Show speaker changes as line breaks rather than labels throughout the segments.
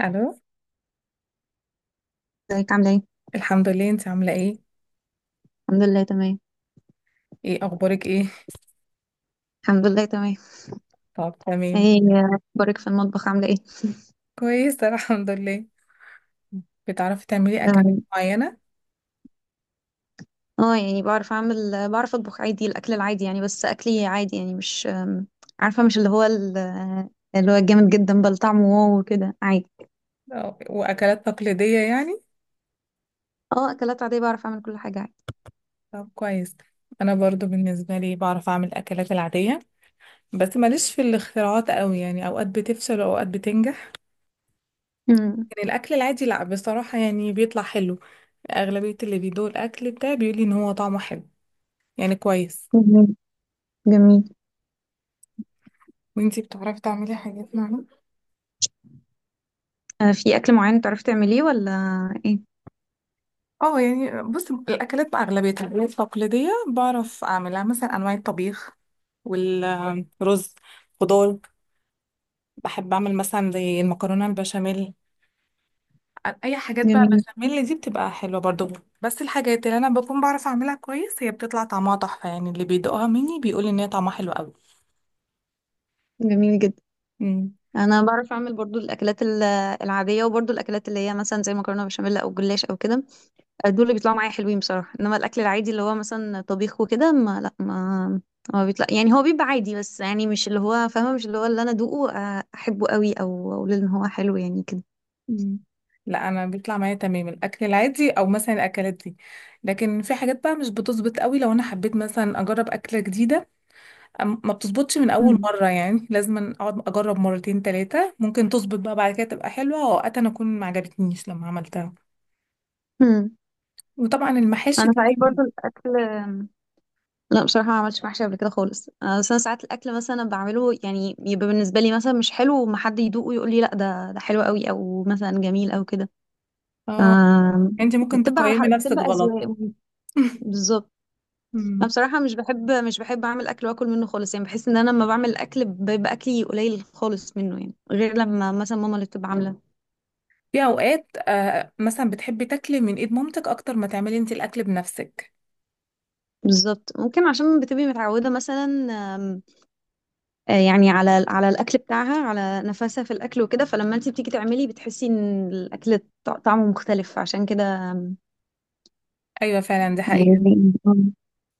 الو.
ازيك عاملة ايه؟
الحمد لله، انت عامله ايه؟
الحمد لله تمام.
ايه اخبارك ايه؟
الحمد لله تمام.
طب تمام.
ايه اخبارك في المطبخ عاملة ايه؟
كويسه الحمد لله. بتعرفي تعملي اكلات
اه.
معينه؟
يعني بعرف اطبخ عادي، الاكل العادي يعني، بس اكلي عادي يعني مش عارفة، مش اللي هو اللي هو جامد جدا بل طعمه واو وكده عادي.
واكلات تقليديه يعني؟
اه، اكلات عادية بعرف اعمل كل حاجة عادي.
طب كويس. انا برضو بالنسبه لي بعرف اعمل الاكلات العاديه، بس ماليش في الاختراعات قوي، يعني اوقات بتفشل واوقات بتنجح.
مم.
يعني الاكل العادي لا، بصراحه يعني بيطلع حلو. اغلبيه اللي بيدوق الاكل بتاعي بيقولي ان هو طعمه حلو، يعني كويس.
جميل. جميل.
وانتي بتعرفي تعملي حاجات معينه؟
آه، في اكل معين تعرفي تعمليه ولا؟ ايه؟
اه يعني بص، الاكلات بقى اغلبيه الاكلات التقليديه بعرف اعملها، مثلا انواع الطبيخ والرز، خضار. بحب اعمل مثلا زي المكرونه البشاميل. اي حاجات بقى،
جميل.
بشاميل دي بتبقى حلوه برضو. بس الحاجات اللي انا بكون بعرف اعملها كويس هي بتطلع طعمها تحفه، يعني اللي بيدوقها مني بيقول ان هي طعمها حلو قوي.
جميل جدا.
امم
انا بعرف اعمل برضو الاكلات العادية، وبرضو الاكلات اللي هي مثلا زي مكرونة بشاميل او جلاش او كده، دول اللي بيطلعوا معايا حلوين بصراحة. انما الاكل العادي اللي هو مثلا طبيخ وكده، ما لا ما ما بيطلع، يعني هو بيبقى عادي، بس يعني مش اللي هو فاهمة، مش اللي هو اللي انا ادوقه احبه قوي او اقول ان هو حلو يعني كده.
امم لا انا بيطلع معايا تمام الاكل العادي او مثلا الاكلات دي، لكن في حاجات بقى مش بتظبط قوي. لو انا حبيت مثلا اجرب اكله جديده، ما بتظبطش من اول
مم.
مره، يعني لازم اقعد اجرب مرتين ثلاثه ممكن تظبط بقى بعد كده تبقى حلوه، واوقات انا اكون ما عجبتنيش لما عملتها.
مم.
وطبعا المحاشي
انا ساعات
كمان.
برضو الاكل، لا بصراحة ما عملتش محشي قبل كده خالص. بس انا ساعات الاكل مثلا بعمله يعني يبقى بالنسبة لي مثلا مش حلو، وما حد يدوقه ويقول لي لا ده حلو قوي او مثلا جميل او كده. ف،
اه. انت ممكن
بتبقى على
تقيمي
حق،
نفسك
بتبقى
غلط.
اذواق. بالظبط. انا
أمم.
بصراحه مش بحب اعمل اكل واكل منه خالص، يعني بحس ان انا لما بعمل اكل بيبقى اكلي قليل خالص منه، يعني غير لما مثلا ماما اللي بتبقى عامله.
في اوقات آه مثلا بتحبي تاكلي من ايد مامتك اكتر ما تعملي انت الاكل بنفسك.
بالظبط، ممكن عشان بتبقي متعوده مثلا. آم، يعني على الاكل بتاعها، على نفسها في الاكل وكده، فلما انت بتيجي تعملي بتحسي ان الاكل طعمه مختلف عشان كده. آم،
ايوه فعلا دي حقيقه.
يعني.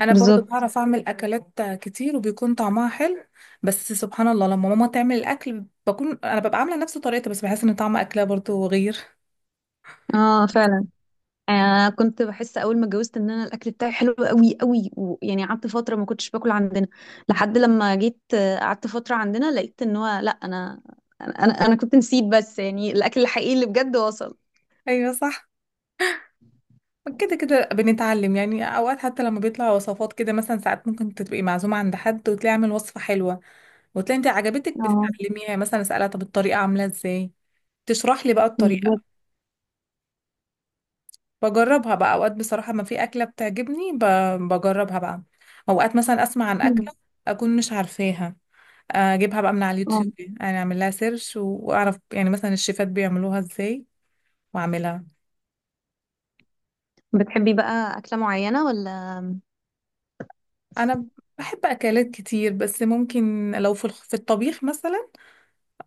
انا برضو
بالظبط.
بعرف اعمل اكلات كتير وبيكون طعمها حلو، بس سبحان الله لما ماما تعمل الاكل بكون انا ببقى عامله نفس طريقتها، بس بحس ان طعم اكلها برضو غير.
اه فعلا. آه، كنت بحس اول ما اتجوزت ان انا الاكل بتاعي حلو قوي قوي، ويعني قعدت فتره ما كنتش باكل عندنا، لحد لما جيت قعدت فتره عندنا، لقيت ان هو لا انا، أنا كنت نسيت، بس يعني الاكل الحقيقي اللي بجد وصل.
ايوه صح، كده كده بنتعلم. يعني اوقات حتى لما بيطلع وصفات كده، مثلا ساعات ممكن تبقي معزومه عند حد وتلاقي عامل وصفه حلوه وتلاقي انت عجبتك
اه
بتتعلميها، يعني مثلا اسالها طب الطريقه عامله ازاي، تشرح لي بقى الطريقه،
بالظبط.
بجربها بقى. اوقات بصراحه ما في اكله بتعجبني بجربها بقى. اوقات مثلا اسمع عن اكله اكون مش عارفاها، اجيبها بقى من على
اه،
اليوتيوب، انا اعمل لها سيرش واعرف يعني مثلا الشيفات بيعملوها ازاي واعملها.
بتحبي بقى اكله معينه ولا؟
انا بحب اكلات كتير، بس ممكن لو في في الطبيخ مثلا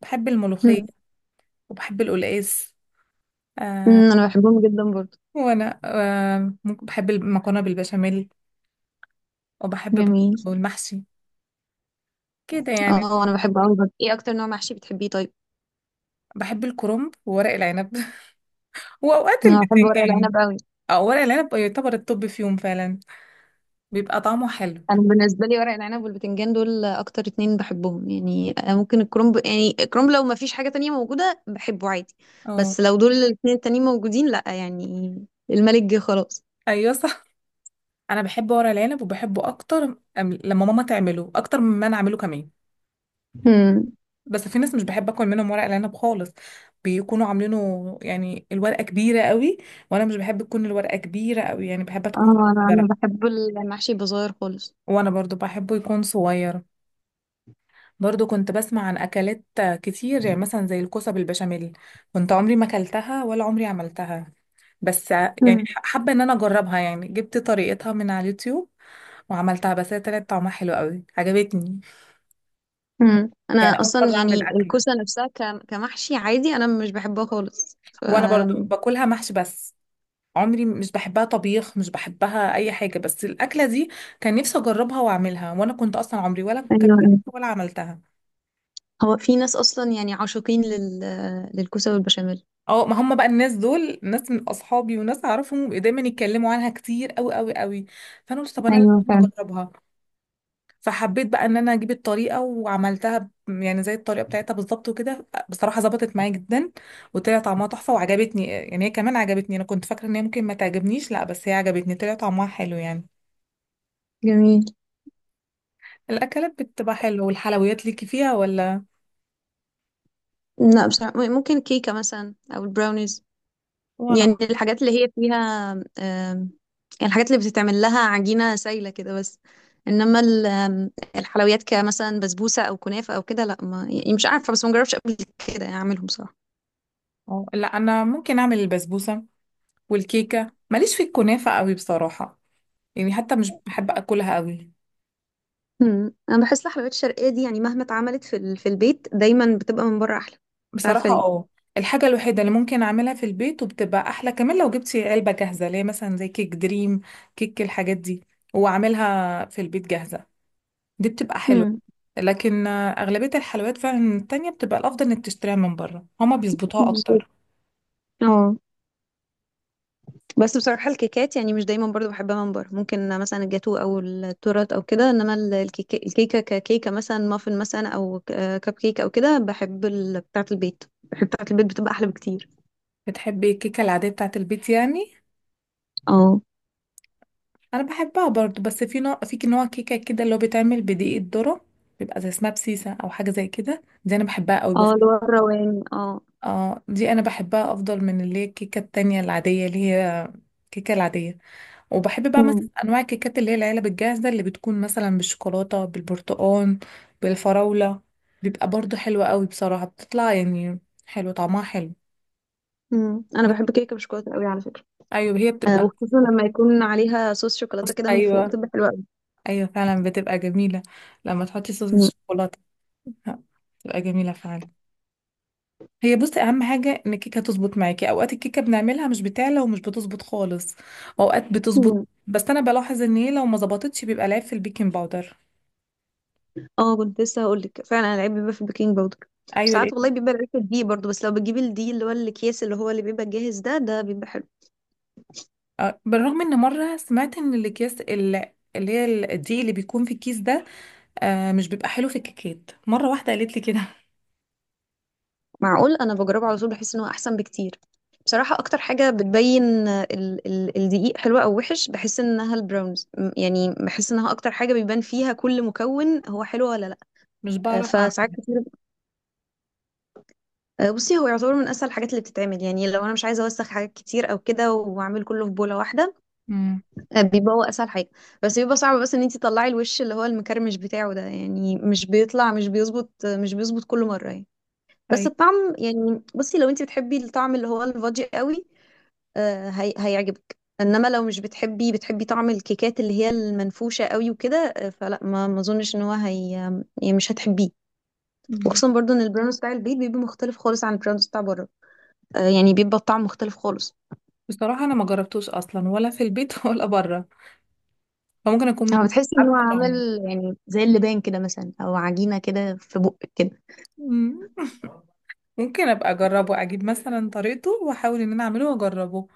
بحب الملوخية
مم.
وبحب القلقاس آه.
مم، انا بحبهم جدا برضو.
وأنا آه ممكن بحب المكرونة بالبشاميل وبحب
جميل.
والمحشي كده يعني.
اه انا بحبه قوي برضو، ايه اكتر نوع محشي بتحبيه طيب؟
بحب الكرنب وورق العنب وأوقات
انا بحب ورق
البتنجان.
العنب قوي.
أو ورق العنب يعتبر الطب فيهم فعلا، بيبقى طعمه حلو.
انا بالنسبه لي ورق العنب والبتنجان دول اكتر اتنين بحبهم، يعني ممكن الكرنب، يعني الكرنب لو ما فيش حاجه تانية موجوده بحبه عادي،
اه
بس لو دول الاتنين التانيين موجودين لا يعني، الملك جه خلاص.
أيوة صح، أنا بحب ورق العنب وبحبه أكتر، لما ماما تعمله أكتر مما أنا أعمله كمان.
امم.
بس في ناس مش بحب اكل منهم ورق العنب خالص، بيكونوا عاملينه يعني الورقه كبيره قوي، وانا مش بحب تكون الورقه كبيره قوي، يعني بحبها تكون
اه، انا
صغيره.
أنا بحب المحشي بصغير خالص.
وانا برضو بحبه يكون صغير. برضو كنت بسمع عن اكلات كتير، يعني مثلا زي الكوسه بالبشاميل، كنت عمري ما اكلتها ولا عمري عملتها، بس يعني
امم.
حابه ان انا اجربها. يعني جبت طريقتها من على اليوتيوب وعملتها، بس هي طلعت طعمها حلو قوي عجبتني.
امم. انا
يعني اول
اصلا
مره اعمل
يعني
اكله،
الكوسه نفسها كمحشي عادي انا مش بحبها خالص. ف،
وانا برضو باكلها محشي بس، عمري مش بحبها طبيخ، مش بحبها اي حاجه بس الاكله دي، كان نفسي اجربها واعملها، وانا كنت اصلا عمري ولا كنت
ايوه.
ولا عملتها.
هو في ناس اصلا يعني عاشقين لل... للكوسه والبشاميل.
اه ما هم بقى الناس دول ناس من اصحابي وناس اعرفهم دايما يتكلموا عنها كتير قوي، فانا قلت طب انا لازم
ايوه فعلا.
اجربها. فحبيت بقى ان انا اجيب الطريقه وعملتها، يعني زي الطريقه بتاعتها بالظبط وكده بصراحه ظبطت معايا جدا وطلع طعمها تحفه وعجبتني. يعني هي كمان عجبتني، انا كنت فاكره ان هي ممكن ما تعجبنيش، لا بس هي عجبتني طلع طعمها حلو يعني.
جميل.
الاكلات بتبقى حلوه، والحلويات ليكي فيها ولا؟
لا بصراحة، ممكن كيكة مثلا أو البراونيز،
وانا
يعني الحاجات اللي هي فيها يعني الحاجات اللي بتتعمل لها عجينة سايلة كده بس. إنما الحلويات كمثلا بسبوسة أو كنافة أو كده، لا ما يعني مش عارفة، بس ما جربتش قبل كده يعني أعملهم بصراحة.
اه لا انا ممكن اعمل البسبوسه والكيكه. ماليش في الكنافه قوي بصراحه، يعني حتى مش بحب اكلها قوي.
مم. أنا بحس الحلويات الشرقية دي يعني مهما اتعملت في في البيت دايما بتبقى من بره أحلى، مش عارفة
بصراحه
ليه.
اه، الحاجه الوحيده اللي ممكن اعملها في البيت وبتبقى احلى كمان، لو جبتي علبه جاهزه اللي هي مثلا زي كيك دريم، كيك الحاجات دي، واعملها في البيت جاهزه، دي بتبقى حلوه.
مم.
لكن آه، اغلبيه الحلويات فعلا التانية بتبقى الافضل انك تشتريها من بره، هما بيظبطوها
بالظبط.
اكتر.
اه. بس بصراحة الكيكات يعني مش دايما برضو بحبها من بره، ممكن مثلا الجاتو او التورت او كده، انما الكيكة ككيكة، مثلا مافن مثلا، او كب كيك او كده، بحب بتاعة البيت، بحب بتاعة البيت، بتبقى احلى بكتير.
بتحبي الكيكه العاديه بتاعت البيت يعني؟
اه.
انا بحبها برضو، بس في نوع، في نوع كيكه كده اللي هو بيتعمل بدقيق الذره، بيبقى زي اسمها بسيسه او حاجه زي كده، دي انا بحبها قوي
اه، اللي هو الرواني. اه.
اه دي انا بحبها افضل من اللي هي الكيكه التانية العاديه، اللي هي الكيكه العاديه. وبحب بقى مثلا
مم.
انواع الكيكات اللي هي العلب الجاهزه اللي بتكون مثلا بالشوكولاته، بالبرتقال، بالفراوله، بيبقى برضو حلوه قوي بصراحه، بتطلع يعني حلو، طعمها حلو.
مم. انا بحب كيكة بالشوكولاتة قوي على فكرة.
ايوه هي بتبقى،
وخصوصا لما يكون عليها صوص شوكولاتة كده من فوق
ايوه
بتبقى حلوة قوي.
ايوه فعلا بتبقى جميله لما تحطي صوص
مم.
الشوكولاته، بتبقى جميله فعلا. هي بصي اهم حاجه ان الكيكه تظبط معاكي. اوقات الكيكه بنعملها مش بتعلى ومش بتظبط خالص، اوقات بتظبط.
مم.
بس انا بلاحظ ان هي لو ما ظبطتش بيبقى العيب في البيكنج باودر.
اه كنت لسه هقول لك فعلا العيب بيبقى في البيكنج باودر.
ايوه
ساعات
لقيت.
والله بيبقى العيب في الدقيق برضو، بس لو بتجيب الدقيق اللي هو الاكياس اللي هو اللي بيبقى جاهز ده بيبقى حلو.
آه، بالرغم ان مره سمعت ان الاكياس اللي هي الدقيق اللي بيكون في الكيس ده آه مش بيبقى حلو في الكيكات، مره واحده قالت لي كده.
معقول، انا بجربه على طول، بحس ان هو احسن بكتير بصراحه، اكتر حاجه بتبين ال ال الدقيق حلوه او وحش، بحس انها البراونز، يعني بحس انها اكتر حاجه بيبان فيها كل مكون هو حلو ولا لا.
مش بعرف
فساعات
اعمل.
كتير بصي، هو يعتبر من اسهل الحاجات اللي بتتعمل، يعني لو انا مش عايزه اوسخ حاجات كتير او كده واعمل كله في بوله واحده،
امم.
بيبقى هو اسهل حاجه، بس بيبقى صعب بس ان انت تطلعي الوش اللي هو المكرمش بتاعه ده، يعني مش بيظبط كل مره يعني، بس
ايوه.
الطعم يعني بصي، لو انت بتحبي الطعم اللي هو الفادي قوي هي... هيعجبك، انما لو مش بتحبي، بتحبي طعم الكيكات اللي هي المنفوشه قوي وكده فلا، ما اظنش ان هو هي، يعني مش هتحبيه.
مم.
وخصوصا برضو ان البراون بتاع البيت بيبقى مختلف خالص عن البراون بتاع بره، يعني بيبقى الطعم مختلف خالص.
بصراحه انا ما جربتوش اصلا، ولا في البيت ولا بره، فممكن
هو
اكون
بتحسي ان هو
عارفه
عامل يعني زي اللبان كده مثلا، او عجينه كده في بقك كده.
طعمه. ممكن ابقى اجربه، اجيب مثلا طريقته واحاول ان انا اعمله واجربه.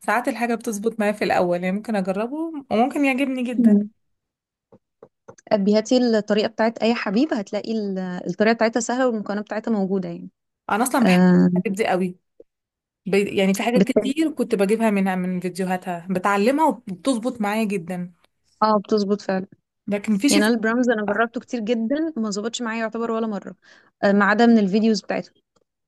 ساعات الحاجه بتظبط معايا في الاول، يعني ممكن اجربه وممكن يعجبني جدا.
مم. أبي هاتي الطريقة بتاعت أي حبيب، هتلاقي الطريقة بتاعتها سهلة والمكونات بتاعتها موجودة يعني.
انا اصلا بحب
آه.
الحاجات دي قوي، يعني في حاجات
بت...
كتير كنت بجيبها منها من فيديوهاتها بتعلمها وبتظبط معايا جدا.
اه بتظبط فعلا.
لكن في شيء.
يعني انا البرامز انا جربته كتير جدا ما ظبطش معايا يعتبر ولا مره، ما عدا من الفيديوز بتاعته.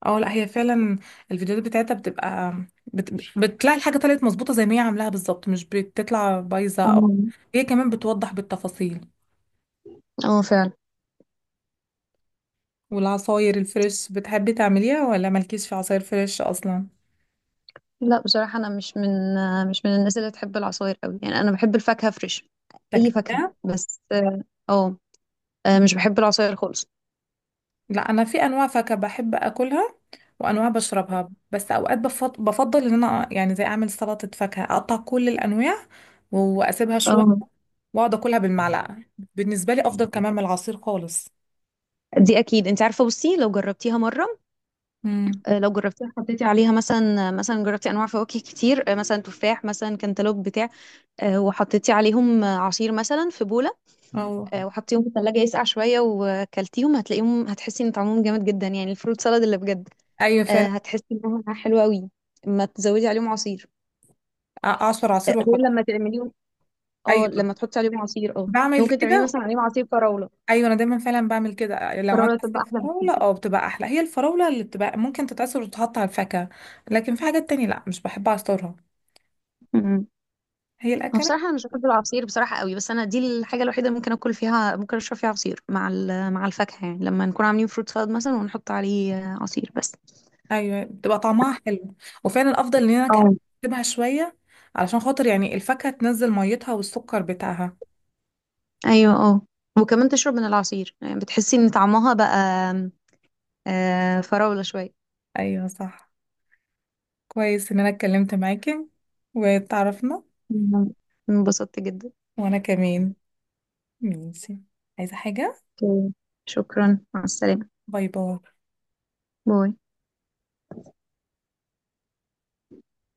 اه لا هي فعلا الفيديوهات بتاعتها بتبقى بتلاقي الحاجه طلعت مظبوطه زي ما هي عاملاها بالظبط، مش بتطلع بايظه
اه.
او. هي كمان بتوضح بالتفاصيل.
اه فعلا.
والعصاير الفريش بتحبي تعمليها ولا مالكيش في عصاير فريش اصلا؟
لا بصراحه انا مش من مش من الناس اللي بتحب العصاير قوي، يعني انا بحب الفاكهه فريش، اي فاكهه
فاكهة؟
بس اه. آه، مش بحب العصاير خالص.
لا أنا في أنواع فاكهة بحب أكلها وأنواع بشربها، بس أوقات بفضل إن أنا يعني زي أعمل سلطة فاكهة، أقطع كل الأنواع وأسيبها شوية
اه.
وأقعد أكلها بالمعلقة. بالنسبة لي أفضل كمان من العصير خالص.
دي اكيد انت عارفه، بصي لو جربتيها مره
امم.
لو جربتيها حطيتي عليها مثلا، مثلا جربتي انواع فواكه كتير، مثلا تفاح مثلا كانتالوب بتاع، وحطيتي عليهم عصير مثلا في بوله،
أو
وحطيهم في الثلاجة يسقع شوية وكلتيهم هتلاقيهم هتحسي ان طعمهم جامد جدا، يعني الفروت سالاد اللي بجد،
أيوة فعلا.
هتحسي انها حلوة قوي اما تزودي عليهم عصير
أعصر عصير
غير
وأحط.
لما تعمليهم. اه
أيوة
لما تحطي عليهم عصير، اه يعني
بعمل
ممكن تعملي
كده.
مثلا عليهم عصير فراولة.
أيوة أنا دايما فعلا بعمل كده، لو عندي
فراولة
عصير
تبقى احلى
فراولة
بكتير.
أه بتبقى أحلى، هي الفراولة اللي بتبقى ممكن تتعصر وتتحط على الفاكهة. لكن في حاجات تانية لأ مش بحب أعصرها.
امم.
هي
أنا
الأكلات.
بصراحة أنا مش بحب العصير بصراحة قوي، بس أنا دي الحاجة الوحيدة اللي ممكن أكل فيها، ممكن أشرب فيها عصير مع مع الفاكهة، يعني لما نكون عاملين فروت سالاد مثلا ونحط عليه عصير بس.
ايوه بتبقى طعمها حلو، وفعلا افضل ان انا
اه.
اكتبها شويه علشان خاطر يعني الفاكهه تنزل ميتها والسكر بتاعها.
ايوه. اه. وكمان تشرب من العصير، يعني بتحسي ان طعمها بقى فراولة شوية.
ايوه صح. كويس ان انا اتكلمت معاكي واتعرفنا.
مم. انبسطت جدا.
وانا كمان. ماشي، عايزه حاجه؟
اوكي. شكرا، مع السلامة.
باي باي.
باي.